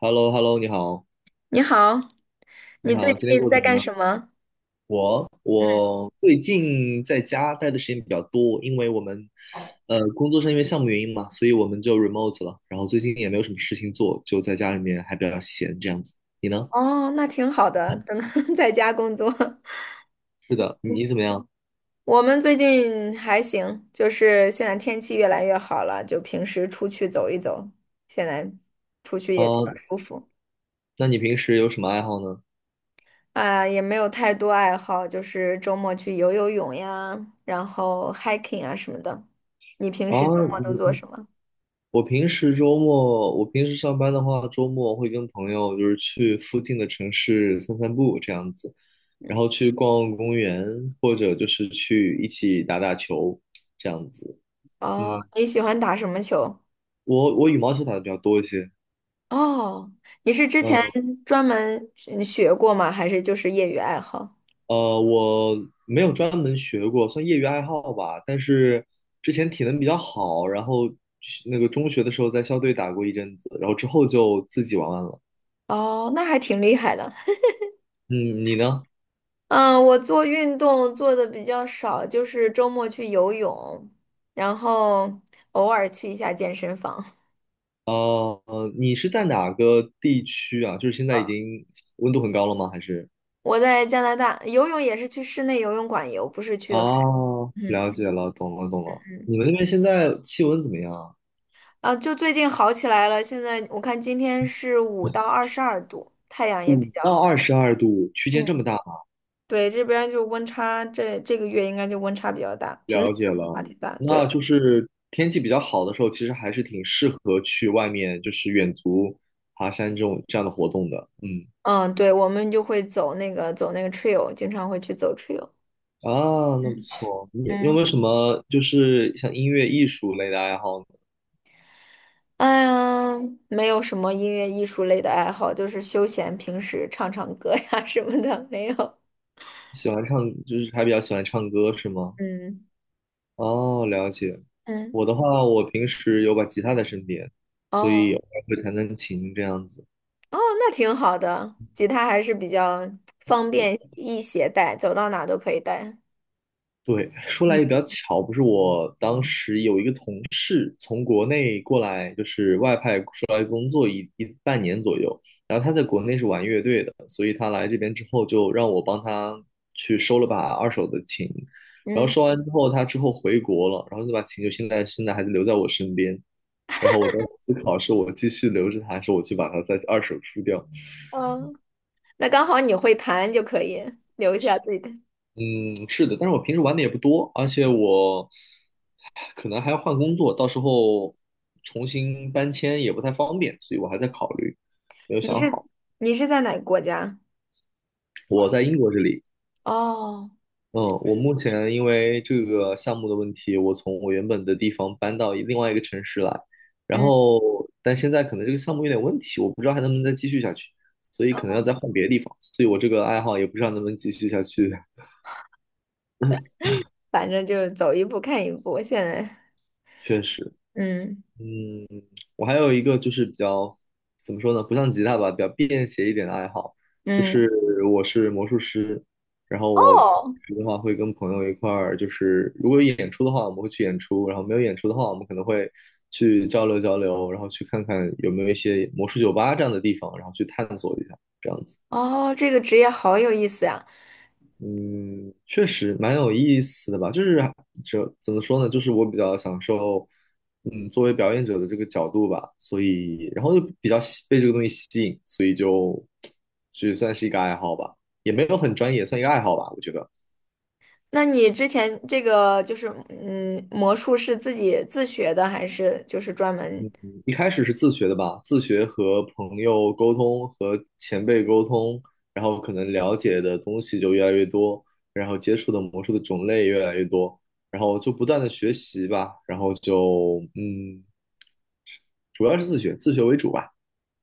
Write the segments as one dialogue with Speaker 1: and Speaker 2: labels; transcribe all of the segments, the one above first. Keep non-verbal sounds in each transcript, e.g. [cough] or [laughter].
Speaker 1: h e l l o h e l l o 你好，
Speaker 2: 你好，
Speaker 1: 你
Speaker 2: 你最
Speaker 1: 好，今天
Speaker 2: 近
Speaker 1: 过得
Speaker 2: 在
Speaker 1: 怎么
Speaker 2: 干
Speaker 1: 样？
Speaker 2: 什么？
Speaker 1: 我最近在家待的时间比较多，因为我们工作上因为项目原因嘛，所以我们就 remote 了。然后最近也没有什么事情做，就在家里面还比较闲这样子。你呢？
Speaker 2: 哦，那挺好的，等 [laughs] 在家工作。[laughs]
Speaker 1: 是的，你怎么样？
Speaker 2: 我们最近还行，就是现在天气越来越好了，就平时出去走一走，现在出去也比较
Speaker 1: 呃，
Speaker 2: 舒服
Speaker 1: 那你平时有什么爱好呢？
Speaker 2: 啊，也没有太多爱好，就是周末去游游泳呀，然后 hiking 啊什么的。你平
Speaker 1: 啊，
Speaker 2: 时周末都做什么？
Speaker 1: 我平时周末，我平时上班的话，周末会跟朋友就是去附近的城市散散步这样子，然后去逛逛公园，或者就是去一起打打球这样子。嗯，
Speaker 2: 哦，你喜欢打什么球？
Speaker 1: 我羽毛球打的比较多一些，
Speaker 2: 哦，你是之前
Speaker 1: 嗯
Speaker 2: 专门学过吗？还是就是业余爱好？
Speaker 1: 我没有专门学过，算业余爱好吧。但是之前体能比较好，然后那个中学的时候在校队打过一阵子，然后之后就自己玩玩了。
Speaker 2: 哦，那还挺厉害的。
Speaker 1: 嗯，你呢？
Speaker 2: 嗯，我做运动做的比较少，就是周末去游泳，然后偶尔去一下健身房。
Speaker 1: 哦，你是在哪个地区啊？就是现在已经温度很高了吗？还是？
Speaker 2: 我在加拿大游泳也是去室内游泳馆游，不是去海。
Speaker 1: 哦，
Speaker 2: 嗯
Speaker 1: 了解了，懂了，懂了。
Speaker 2: 嗯，
Speaker 1: 你们那边现在气温怎么样啊？
Speaker 2: 啊，就最近好起来了。现在我看今天是5到22度，太阳也比
Speaker 1: 五
Speaker 2: 较
Speaker 1: 到
Speaker 2: 好。
Speaker 1: 二十二度区间这
Speaker 2: 嗯，
Speaker 1: 么大吗？
Speaker 2: 对，这边就温差，这个月应该就温差比较大，平时
Speaker 1: 了解
Speaker 2: 可温差
Speaker 1: 了，
Speaker 2: 挺大。
Speaker 1: 那
Speaker 2: 对，
Speaker 1: 就是天气比较好的时候，其实还是挺适合去外面，就是远足、爬山这种这样的活动的。嗯，
Speaker 2: 嗯，对，我们就会走那个 trail，经常会去走 trail。
Speaker 1: 啊，那不
Speaker 2: 嗯
Speaker 1: 错。你有没
Speaker 2: 嗯，
Speaker 1: 有什么就是像音乐、艺术类的爱好呢？
Speaker 2: 哎呀，没有什么音乐艺术类的爱好，就是休闲，平时唱唱歌呀 [laughs] 什么的，没有。
Speaker 1: 喜欢唱，就是还比较喜欢唱歌是吗？
Speaker 2: 嗯
Speaker 1: 哦，了解。
Speaker 2: 嗯，
Speaker 1: 我的话，我平时有把吉他在身边，所以
Speaker 2: 哦
Speaker 1: 偶尔会弹弹琴这样子。
Speaker 2: 哦，那挺好的，吉他还是比较方便易携带，走到哪都可以带。
Speaker 1: 对，说来
Speaker 2: 嗯，
Speaker 1: 也比较巧，不是我当时有一个同事从国内过来，就是外派出来工作一半年左右，然后他在国内是玩乐队的，所以他来这边之后就让我帮他去收了把二手的琴，然后
Speaker 2: 嗯
Speaker 1: 收完之后他之后回国了，然后那把琴就现在还留在我身边，然后我在思考是我继续留着它，还是我去把它再二手出掉。
Speaker 2: 哦，那刚好你会弹就可以留下自己的。
Speaker 1: 嗯，是的，但是我平时玩的也不多，而且我可能还要换工作，到时候重新搬迁也不太方便，所以我还在考虑，没有
Speaker 2: 你
Speaker 1: 想
Speaker 2: 是
Speaker 1: 好。
Speaker 2: 你是在哪个国家？
Speaker 1: 我在英国这里，
Speaker 2: 哦，
Speaker 1: 嗯，我目前因为这个项目的问题，我从我原本的地方搬到另外一个城市来，然
Speaker 2: 嗯，
Speaker 1: 后但现在可能这个项目有点问题，我不知道还能不能再继续下去，所以可能要再换别的地方，所以我这个爱好也不知道能不能继续下去，
Speaker 2: 反正就是走一步看一步，现在
Speaker 1: 确实。
Speaker 2: 嗯
Speaker 1: 我还有一个就是比较怎么说呢，不像吉他吧，比较便携一点的爱好，就
Speaker 2: 嗯。
Speaker 1: 是我是魔术师，然后我平
Speaker 2: 哦
Speaker 1: 时的话会跟朋友一块儿，就是如果有演出的话，我们会去演出，然后没有演出的话，我们可能会去交流交流，然后去看看有没有一些魔术酒吧这样的地方，然后去探索一下，这样子。
Speaker 2: 哦，这个职业好有意思呀！
Speaker 1: 嗯，确实蛮有意思的吧，就是这怎么说呢，就是我比较享受，嗯，作为表演者的这个角度吧，所以然后就比较吸被这个东西吸引，所以就就算是一个爱好吧，也没有很专业，算一个爱好吧，我觉得
Speaker 2: 那你之前这个就是，嗯，魔术是自己自学的，还是就是专门？
Speaker 1: 一开始是自学的吧，自学和朋友沟通和前辈沟通，然后可能了解的东西就越来越多，然后接触的魔术的种类越来越多。然后就不断的学习吧，然后就嗯，主要是自学，自学为主吧。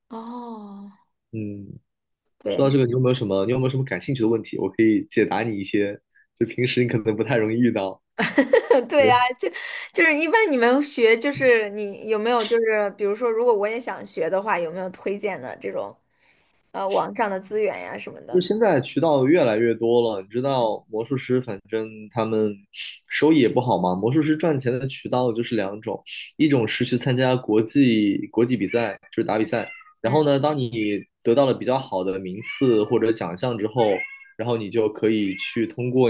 Speaker 2: 哦，
Speaker 1: 嗯，说到
Speaker 2: 对，
Speaker 1: 这个，你有没有什么，你有没有什么感兴趣的问题？我可以解答你一些，就平时你可能不太容易遇到。
Speaker 2: [laughs] 对
Speaker 1: 对，
Speaker 2: 呀，就是一般你们学，就是你有没有就是比如说，如果我也想学的话，有没有推荐的这种网上的资源呀什么
Speaker 1: 就
Speaker 2: 的？
Speaker 1: 是现在渠道越来越多了，你知道魔术师，反正他们收益也不好嘛。魔术师赚钱的渠道就是两种，一种是去参加国际比赛，就是打比赛。然后
Speaker 2: 嗯
Speaker 1: 呢，当你得到了比较好的名次或者奖项之后，然后你就可以去通过。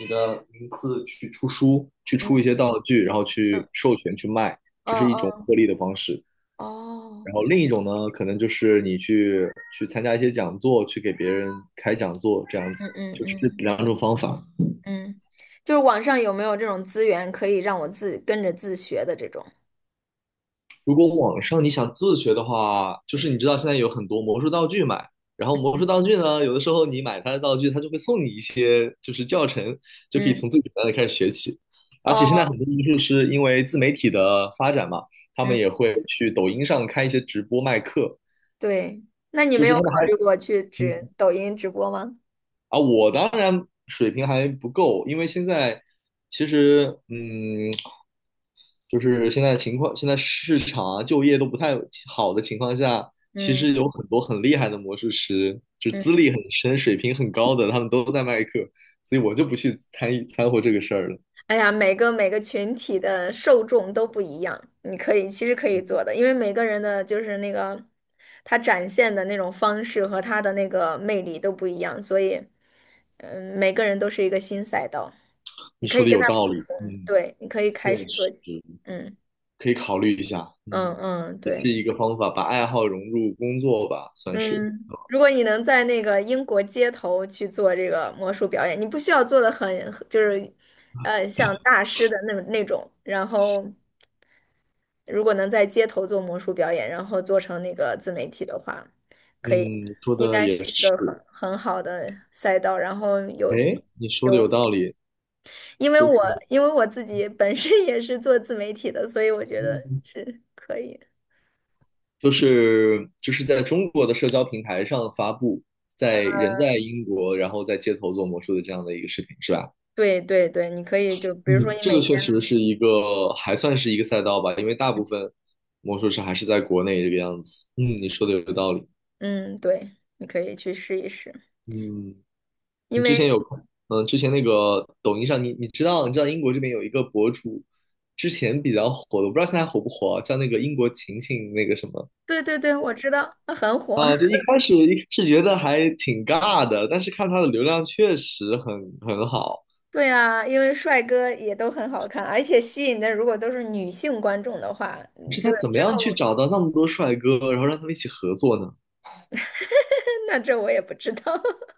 Speaker 1: 你的名次去出书，去出一些
Speaker 2: 嗯
Speaker 1: 道具，然后去
Speaker 2: 嗯
Speaker 1: 授权去卖，
Speaker 2: 哦
Speaker 1: 这是一种
Speaker 2: 嗯
Speaker 1: 获利的方式。
Speaker 2: 哦
Speaker 1: 然后另一种呢，可能就是去参加一些讲座，去给别人开讲座，这样子，
Speaker 2: 嗯嗯
Speaker 1: 就是这
Speaker 2: 嗯
Speaker 1: 两种方法。
Speaker 2: 嗯，就是网上有没有这种资源可以让我跟着自学的这种？
Speaker 1: 如果网上你想自学的话，就是
Speaker 2: 嗯
Speaker 1: 你知道现在有很多魔术道具买，然后魔术道具呢，有的时候你买它的道具，它就会送你一些就是教程，就可以
Speaker 2: 嗯。
Speaker 1: 从最简单的开始学起。而且现在
Speaker 2: 哦，
Speaker 1: 很多魔术师因为自媒体的发展嘛，他们
Speaker 2: 嗯，
Speaker 1: 也会去抖音上开一些直播卖课，
Speaker 2: 对，那你
Speaker 1: 就
Speaker 2: 没有
Speaker 1: 是他
Speaker 2: 考
Speaker 1: 们还
Speaker 2: 虑过去直
Speaker 1: 嗯
Speaker 2: 抖音直播吗？
Speaker 1: 我当然水平还不够，因为现在其实，嗯，就是现在情况，现在市场啊、就业都不太好的情况下，其
Speaker 2: 嗯
Speaker 1: 实有很多很厉害的魔术师，就资
Speaker 2: 嗯，
Speaker 1: 历很深、水平很高的，他们都在卖课，所以我就不去参与掺和这个事儿了。
Speaker 2: 哎呀，每个群体的受众都不一样，你可以其实可以做的，因为每个人的就是那个他展现的那种方式和他的那个魅力都不一样，所以嗯，每个人都是一个新赛道，你
Speaker 1: 你
Speaker 2: 可
Speaker 1: 说
Speaker 2: 以
Speaker 1: 的
Speaker 2: 跟
Speaker 1: 有
Speaker 2: 他
Speaker 1: 道
Speaker 2: 不
Speaker 1: 理，
Speaker 2: 同，
Speaker 1: 嗯，
Speaker 2: 对，你可以
Speaker 1: 确
Speaker 2: 开始做，
Speaker 1: 实
Speaker 2: 嗯
Speaker 1: 可以考虑一下，嗯，
Speaker 2: 嗯嗯，
Speaker 1: 也
Speaker 2: 对。
Speaker 1: 是一个方法，把爱好融入工作吧，算是，
Speaker 2: 嗯，如果你能在那个英国街头去做这个魔术表演，你不需要做的很，就是，像大师的那种。然后，如果能在街头做魔术表演，然后做成那个自媒体的话，可以，
Speaker 1: 嗯，说
Speaker 2: 应
Speaker 1: 的
Speaker 2: 该是
Speaker 1: 也
Speaker 2: 一
Speaker 1: 是。
Speaker 2: 个很好的赛道。然后有
Speaker 1: 哎，你说的
Speaker 2: 有，
Speaker 1: 有道理，
Speaker 2: 因为
Speaker 1: 就
Speaker 2: 我
Speaker 1: 是
Speaker 2: 因为我自己本身也是做自媒体的，所以我觉得
Speaker 1: 嗯
Speaker 2: 是可以。
Speaker 1: 就是在中国的社交平台上发布，在人在
Speaker 2: [laughs]
Speaker 1: 英国，然后在街头做魔术的这样的一个视频，是吧？
Speaker 2: 对对对，你可以就比如说
Speaker 1: 嗯，
Speaker 2: 你
Speaker 1: 这
Speaker 2: 每
Speaker 1: 个
Speaker 2: 天。
Speaker 1: 确实是一个还算是一个赛道吧，因为大部分魔术师还是在国内这个样子。嗯，你说的有道理。
Speaker 2: 嗯，对，你可以去试一试，
Speaker 1: 嗯，
Speaker 2: 因
Speaker 1: 你之前
Speaker 2: 为
Speaker 1: 有嗯，之前那个抖音上，你知道英国这边有一个博主，之前比较火的，我不知道现在火不火啊，叫那个英国晴晴那个什么。
Speaker 2: 对对对，我知道它很火。
Speaker 1: 啊，就一
Speaker 2: [laughs]
Speaker 1: 开始一开始觉得还挺尬的，但是看他的流量确实很好。
Speaker 2: 对啊，因为帅哥也都很好看，而且吸引的如果都是女性观众的话，
Speaker 1: 可
Speaker 2: 嗯
Speaker 1: 是
Speaker 2: 就
Speaker 1: 他
Speaker 2: 是
Speaker 1: 怎么
Speaker 2: 之
Speaker 1: 样去
Speaker 2: 后
Speaker 1: 找到那么多帅哥，然后让他们一起合作呢？
Speaker 2: [laughs] 那这我也不知道。[laughs]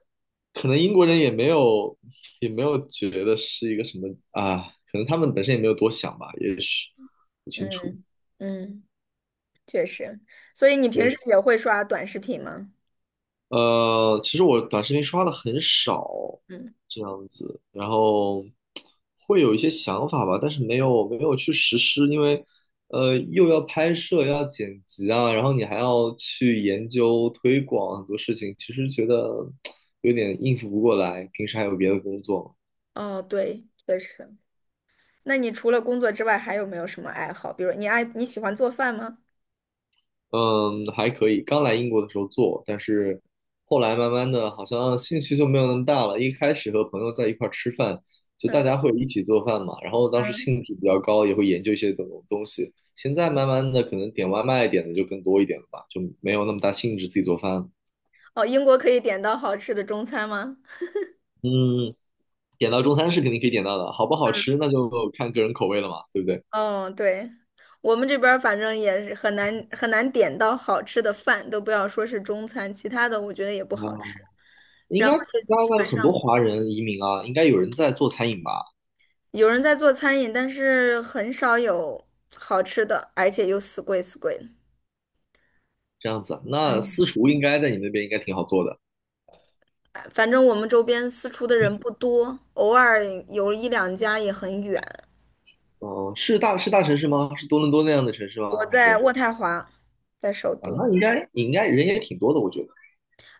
Speaker 1: 可能英国人也没有觉得是一个什么啊，可能他们本身也没有多想吧，也许不清楚。
Speaker 2: 嗯嗯，确实。所以你平时也会刷短视频吗？
Speaker 1: 其实我短视频刷的很少，
Speaker 2: 嗯，
Speaker 1: 这样子，然后会有一些想法吧，但是没有去实施，因为又要拍摄，要剪辑啊，然后你还要去研究推广很多事情，其实觉得 [tsk] 有点应付不过来，平时还有别的工作嘛
Speaker 2: 哦，对，确实。那你除了工作之外，还有没有什么爱好？比如你喜欢做饭吗？
Speaker 1: 嗯，还可以。刚来英国的时候做，但是后来慢慢的，好像兴趣就没有那么大了。一开始和朋友在一块儿吃饭，就
Speaker 2: 嗯
Speaker 1: 大家会一起做饭嘛，然后当时
Speaker 2: 嗯，
Speaker 1: 兴致比较高，也会研究一些东西。现在慢慢的，可能点外卖点的就更多一点了吧，就没有那么大兴致自己做饭了
Speaker 2: 哦，英国可以点到好吃的中餐吗？
Speaker 1: 嗯，点到中餐是肯定可以点到的，好不好吃那就看个人口味了嘛，对不对？
Speaker 2: 嗯，对，我们这边儿反正也是很难很难点到好吃的饭，都不要说是中餐，其他的我觉得也不好吃。
Speaker 1: 啊，应
Speaker 2: 然后
Speaker 1: 该加
Speaker 2: 就
Speaker 1: 拿
Speaker 2: 基
Speaker 1: 大有
Speaker 2: 本
Speaker 1: 很多
Speaker 2: 上
Speaker 1: 华人移民啊，应该有人在做餐饮吧？
Speaker 2: 有人在做餐饮，但是很少有好吃的，而且又死贵死贵的。
Speaker 1: 这样子，那私厨应该在你们那边应该挺好做的。
Speaker 2: 哎反正我们周边私厨的人不多，偶尔有一两家也很远。
Speaker 1: 哦，是大城市吗？是多伦多那样的城市
Speaker 2: 我
Speaker 1: 吗？还
Speaker 2: 在
Speaker 1: 是
Speaker 2: 渥太华，在首
Speaker 1: 啊？
Speaker 2: 都。
Speaker 1: 那应该人也挺多的，我觉得。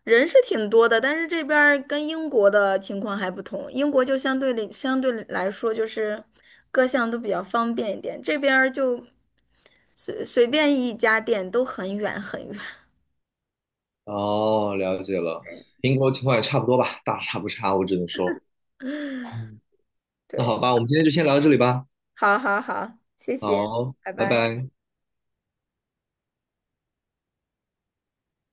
Speaker 2: 人是挺多的，但是这边儿跟英国的情况还不同。英国就相对来说，就是各项都比较方便一点，这边儿就随便一家店都很远很远。
Speaker 1: 哦，了解了，
Speaker 2: [laughs]
Speaker 1: 英国情况也差不多吧，大差不差，我只能说。嗯，那
Speaker 2: 对，
Speaker 1: 好吧，我们今天就先聊到这里吧。
Speaker 2: 好好好，谢谢，
Speaker 1: 好，
Speaker 2: 拜
Speaker 1: 拜
Speaker 2: 拜。
Speaker 1: 拜。